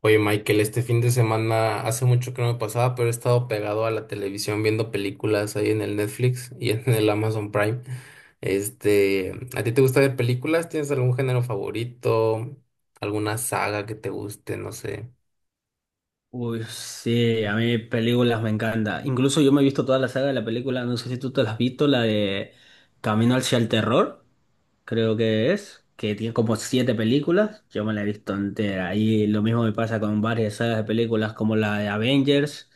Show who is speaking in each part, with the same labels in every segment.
Speaker 1: Oye, Michael, este fin de semana hace mucho que no me pasaba, pero he estado pegado a la televisión viendo películas ahí en el Netflix y en el Amazon Prime. Este, ¿a ti te gusta ver películas? ¿Tienes algún género favorito? ¿Alguna saga que te guste? No sé.
Speaker 2: Uy, sí, a mí películas me encanta. Incluso yo me he visto toda la saga de la película, no sé si tú te la has visto, la de Camino hacia el Terror, creo que es, que tiene como siete películas, yo me la he visto entera. Y lo mismo me pasa con varias sagas de películas como la de Avengers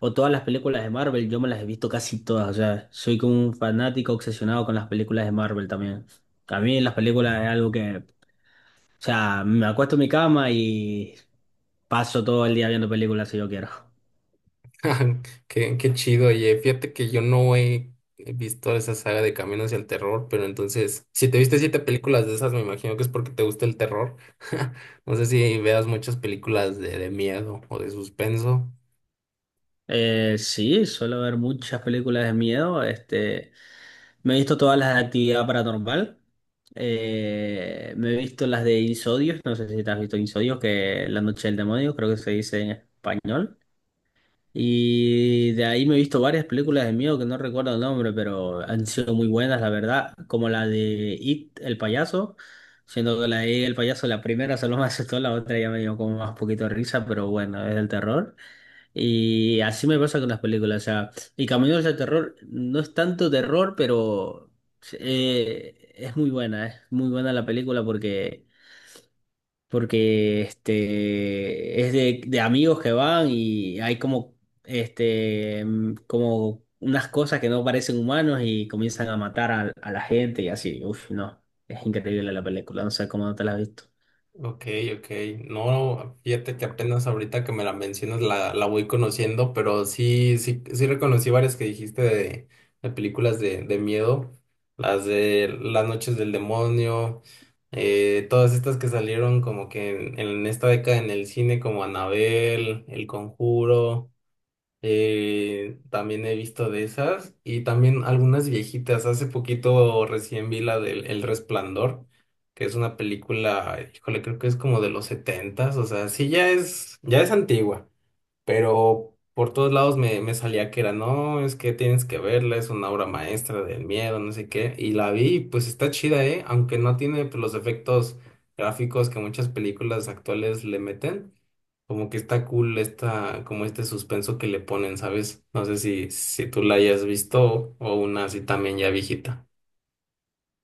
Speaker 2: o todas las películas de Marvel, yo me las he visto casi todas, o sea, soy como un fanático obsesionado con las películas de Marvel también. A mí las películas es algo que, o sea, me acuesto en mi cama y paso todo el día viendo películas si yo quiero.
Speaker 1: Qué chido, oye. Fíjate que yo no he visto esa saga de Camino hacia el Terror, pero entonces, si te viste siete películas de esas, me imagino que es porque te gusta el terror. No sé si veas muchas películas de miedo o de suspenso.
Speaker 2: Sí, suelo ver muchas películas de miedo. Este, me he visto todas las de actividad paranormal. Me he visto las de Insidious. No sé si te has visto Insidious, que La Noche del Demonio, creo que se dice en español. Y de ahí me he visto varias películas de miedo que no recuerdo el nombre, pero han sido muy buenas, la verdad. Como la de It, el payaso. Siendo que la de It, el payaso, la primera solo me asustó, la otra ya me dio como más poquito de risa, pero bueno, es del terror. Y así me pasa con las películas, o sea, y Caminos de Terror no es tanto terror, pero es muy buena la película porque, porque este, es de amigos que van y hay como, este, como unas cosas que no parecen humanos y comienzan a matar a la gente y así, uf, no, es increíble la película, no sé cómo no te la has visto.
Speaker 1: Ok, ok. No, fíjate que apenas ahorita que me la mencionas la voy conociendo, pero sí, sí, sí reconocí varias que dijiste de películas de miedo, las de Las Noches del Demonio, todas estas que salieron como que en esta década en el cine como Anabel, El Conjuro. También he visto de esas y también algunas viejitas. Hace poquito recién vi la del El Resplandor, que es una película, híjole, creo que es como de los setentas, o sea, sí ya es antigua, pero por todos lados me, me salía que era, no, es que tienes que verla, es una obra maestra del miedo, no sé qué, y la vi, y pues está chida, ¿eh? Aunque no tiene pues, los efectos gráficos que muchas películas actuales le meten. Como que está cool esta, como este suspenso que le ponen, ¿sabes? No sé si, si tú la hayas visto o una así también ya viejita.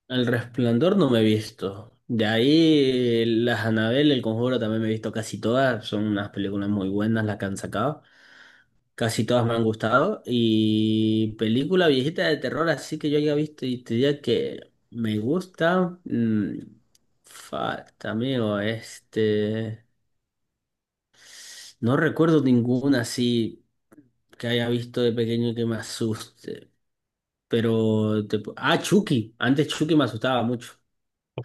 Speaker 2: El Resplandor no me he visto. De ahí, las Anabel, El Conjuro también me he visto casi todas. Son unas películas muy buenas las que han sacado. Casi todas me han gustado. Y película viejita de terror, así que yo haya visto y te diría que me gusta. Falta, amigo, este. No recuerdo ninguna así que haya visto de pequeño que me asuste. Pero. Ah, Chucky. Antes Chucky me asustaba mucho.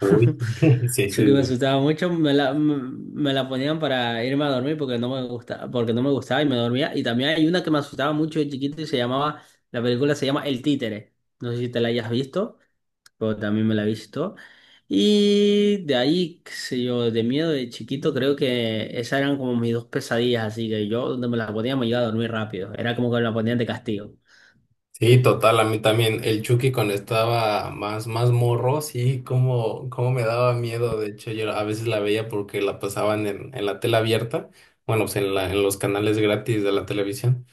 Speaker 1: Uy, sí, sí,
Speaker 2: Yo que
Speaker 1: sí.
Speaker 2: me
Speaker 1: Sí,
Speaker 2: asustaba mucho, me la ponían para irme a dormir porque no me gustaba, porque no me gustaba y me dormía. Y también hay una que me asustaba mucho de chiquito y se llamaba, la película se llama El Títere. No sé si te la hayas visto, pero también me la he visto. Y de ahí, qué sé yo, de miedo de chiquito, creo que esas eran como mis dos pesadillas, así que yo donde me la ponía me iba a dormir rápido. Era como que me la ponían de castigo.
Speaker 1: sí, total, a mí también. El Chucky cuando estaba más, más morro, sí, como, como me daba miedo. De hecho, yo a veces la veía porque la pasaban en la tela abierta, bueno, pues en la, en los canales gratis de la televisión.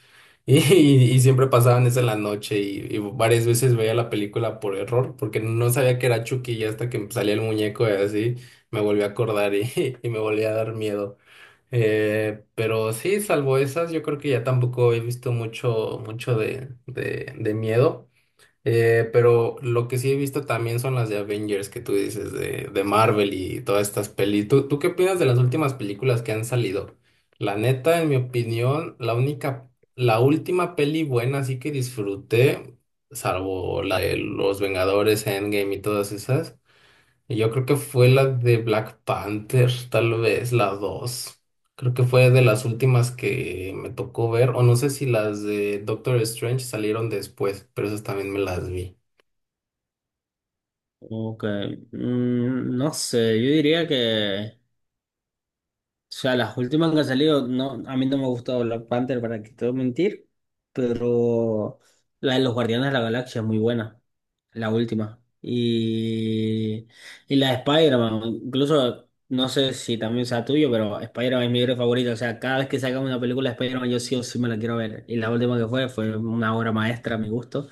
Speaker 1: Y siempre pasaban eso en la noche y varias veces veía la película por error, porque no sabía que era Chucky y hasta que salía el muñeco y así me volví a acordar y, y me volví a dar miedo. Pero sí, salvo esas, yo creo que ya tampoco he visto mucho, mucho de miedo. Pero lo que sí he visto también son las de Avengers que tú dices, de Marvel y todas estas pelis. ¿Tú qué opinas de las últimas películas que han salido? La neta, en mi opinión, la única, la última peli buena así que disfruté, salvo la de Los Vengadores, Endgame y todas esas, y yo creo que fue la de Black Panther, tal vez la dos. Creo que fue de las últimas que me tocó ver, o no sé si las de Doctor Strange salieron después, pero esas también me las vi.
Speaker 2: Como que, no sé, yo diría que... O sea, las últimas que han salido, no, a mí no me ha gustado Black Panther, para que te voy a mentir, pero la de los Guardianes de la Galaxia es muy buena, la última. Y la de Spider-Man, incluso, no sé si también sea tuyo, pero Spider-Man es mi héroe favorito. O sea, cada vez que sacan una película de Spider-Man, yo sí o sí me la quiero ver. Y la última que fue, fue una obra maestra a mi gusto.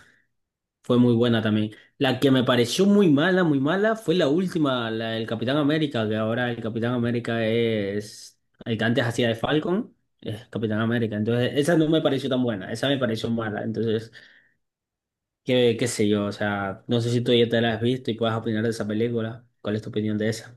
Speaker 2: Fue muy buena también. La que me pareció muy mala, fue la última, la del Capitán América, que ahora el Capitán América es el que antes hacía de Falcon, es Capitán América. Entonces, esa no me pareció tan buena, esa me pareció mala. Entonces, qué, qué sé yo, o sea, no sé si tú ya te la has visto y puedes opinar de esa película. ¿Cuál es tu opinión de esa?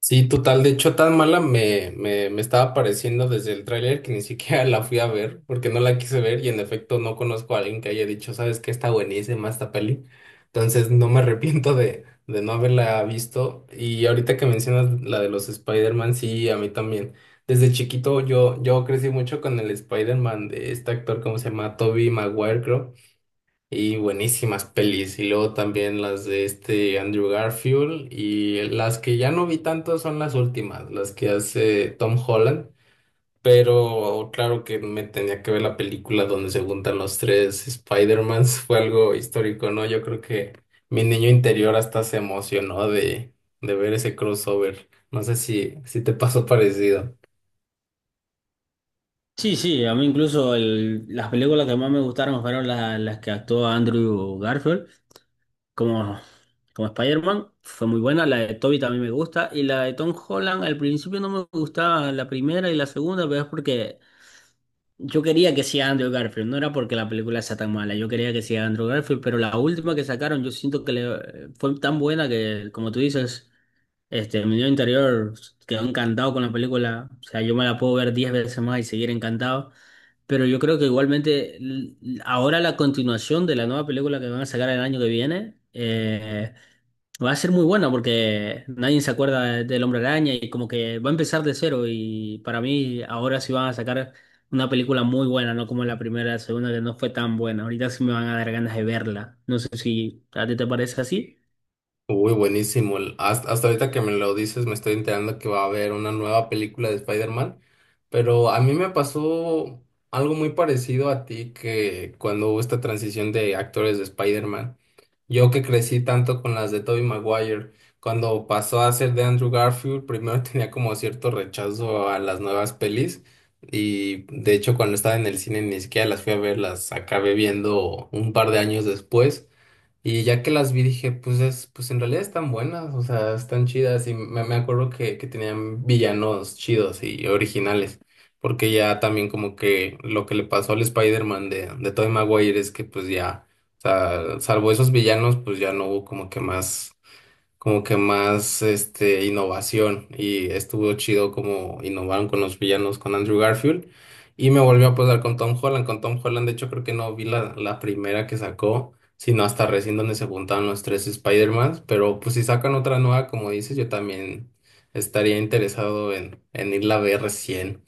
Speaker 1: Sí, total. De hecho, tan mala me, me, me estaba pareciendo desde el tráiler que ni siquiera la fui a ver porque no la quise ver y en efecto no conozco a alguien que haya dicho, ¿sabes qué? Está buenísima esta peli. Entonces no me arrepiento de no haberla visto. Y ahorita que mencionas la de los Spider-Man, sí, a mí también. Desde chiquito yo crecí mucho con el Spider-Man de este actor, ¿cómo se llama? Tobey Maguire, creo. Y buenísimas pelis. Y luego también las de este Andrew Garfield. Y las que ya no vi tanto son las últimas, las que hace Tom Holland. Pero claro que me tenía que ver la película donde se juntan los tres Spider-Mans. Fue algo histórico, ¿no? Yo creo que mi niño interior hasta se emocionó de ver ese crossover. No sé si, si te pasó parecido.
Speaker 2: Sí, sí, a mí incluso las películas que más me gustaron fueron las que actuó Andrew Garfield, como como Spider-Man, fue muy buena. La de Toby también me gusta. Y la de Tom Holland, al principio no me gustaba la primera y la segunda, pero es porque yo quería que sea Andrew Garfield, no era porque la película sea tan mala, yo quería que sea Andrew Garfield, pero la última que sacaron yo siento que le, fue tan buena que, como tú dices, este, mi niño interior quedó encantado con la película, o sea, yo me la puedo ver 10 veces más y seguir encantado, pero yo creo que igualmente ahora la continuación de la nueva película que van a sacar el año que viene, va a ser muy buena porque nadie se acuerda del Hombre Araña y como que va a empezar de cero y para mí ahora sí van a sacar una película muy buena, no como la primera, la segunda que no fue tan buena. Ahorita sí me van a dar ganas de verla. No sé si a ti te parece así.
Speaker 1: Uy, buenísimo. El- Hasta, hasta ahorita que me lo dices, me estoy enterando que va a haber una nueva película de Spider-Man, pero a mí me pasó algo muy parecido a ti que cuando hubo esta transición de actores de Spider-Man. Yo que crecí tanto con las de Tobey Maguire, cuando pasó a ser de Andrew Garfield, primero tenía como cierto rechazo a las nuevas pelis y de hecho cuando estaba en el cine ni siquiera las fui a ver, las acabé viendo un par de años después. Y ya que las vi dije, pues es, pues en realidad están buenas, o sea, están chidas. Y me acuerdo que tenían villanos chidos y originales. Porque ya también como que lo que le pasó al Spider-Man de Tobey Maguire es que pues ya, o sea, salvo esos villanos, pues ya no hubo como que más este innovación y estuvo chido como innovaron con los villanos con Andrew Garfield y me volvió a pasar con Tom Holland. Con Tom Holland de hecho creo que no vi la primera que sacó, sino hasta recién donde se juntaron los tres Spider-Man, pero pues si sacan otra nueva como dices, yo también estaría interesado en irla a ver recién.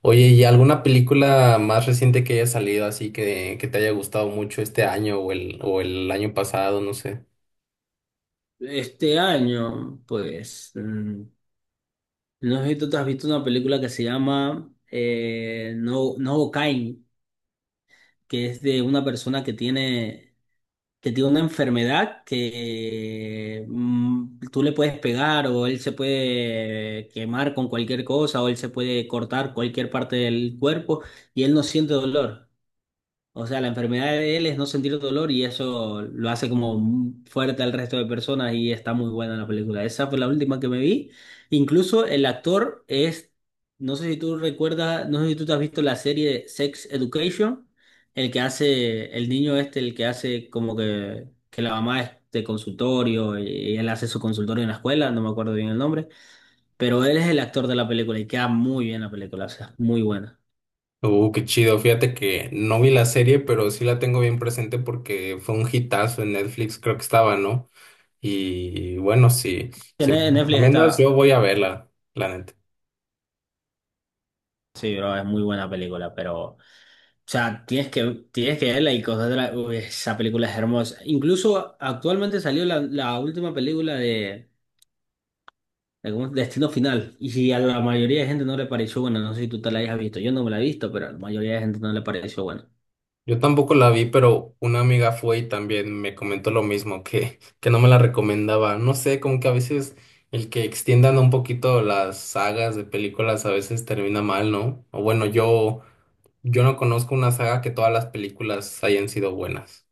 Speaker 1: Oye, ¿y alguna película más reciente que haya salido así que te haya gustado mucho este año o el año pasado, no sé?
Speaker 2: Este año, pues, no sé si tú te has visto una película que se llama No, No Kain, que es de una persona que tiene una enfermedad que tú le puedes pegar o él se puede quemar con cualquier cosa o él se puede cortar cualquier parte del cuerpo y él no siente dolor. O sea, la enfermedad de él es no sentir dolor y eso lo hace como fuerte al resto de personas y está muy buena la película. Esa fue la última que me vi. Incluso el actor es, no sé si tú recuerdas, no sé si tú te has visto la serie Sex Education, el que hace, el niño este, el que hace como que la mamá es de consultorio y él hace su consultorio en la escuela, no me acuerdo bien el nombre, pero él es el actor de la película y queda muy bien la película, o sea, muy buena.
Speaker 1: Qué chido. Fíjate que no vi la serie, pero sí la tengo bien presente porque fue un hitazo en Netflix, creo que estaba, ¿no? Y bueno, si, si
Speaker 2: En
Speaker 1: me
Speaker 2: Netflix
Speaker 1: recomiendas,
Speaker 2: está...
Speaker 1: yo voy a verla, la neta.
Speaker 2: Sí, bro, es muy buena película, pero, o sea, tienes que verla y cosas de la, uy, esa película es hermosa. Incluso actualmente salió la, la última película de ¿cómo es? Destino Final, y si a la mayoría de gente no le pareció buena, no sé si tú te la hayas visto, yo no me la he visto, pero a la mayoría de gente no le pareció buena.
Speaker 1: Yo tampoco la vi, pero una amiga fue y también me comentó lo mismo, que no me la recomendaba. No sé, como que a veces el que extiendan un poquito las sagas de películas a veces termina mal, ¿no? O bueno, yo no conozco una saga que todas las películas hayan sido buenas.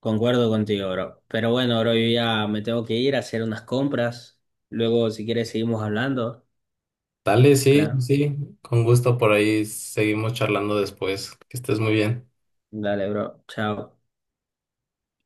Speaker 2: Concuerdo contigo, bro. Pero bueno, bro, yo ya me tengo que ir a hacer unas compras. Luego, si quieres, seguimos hablando.
Speaker 1: Dale, sí,
Speaker 2: Claro.
Speaker 1: sí, con gusto por ahí seguimos charlando después. Que estés muy bien.
Speaker 2: Dale, bro. Chao.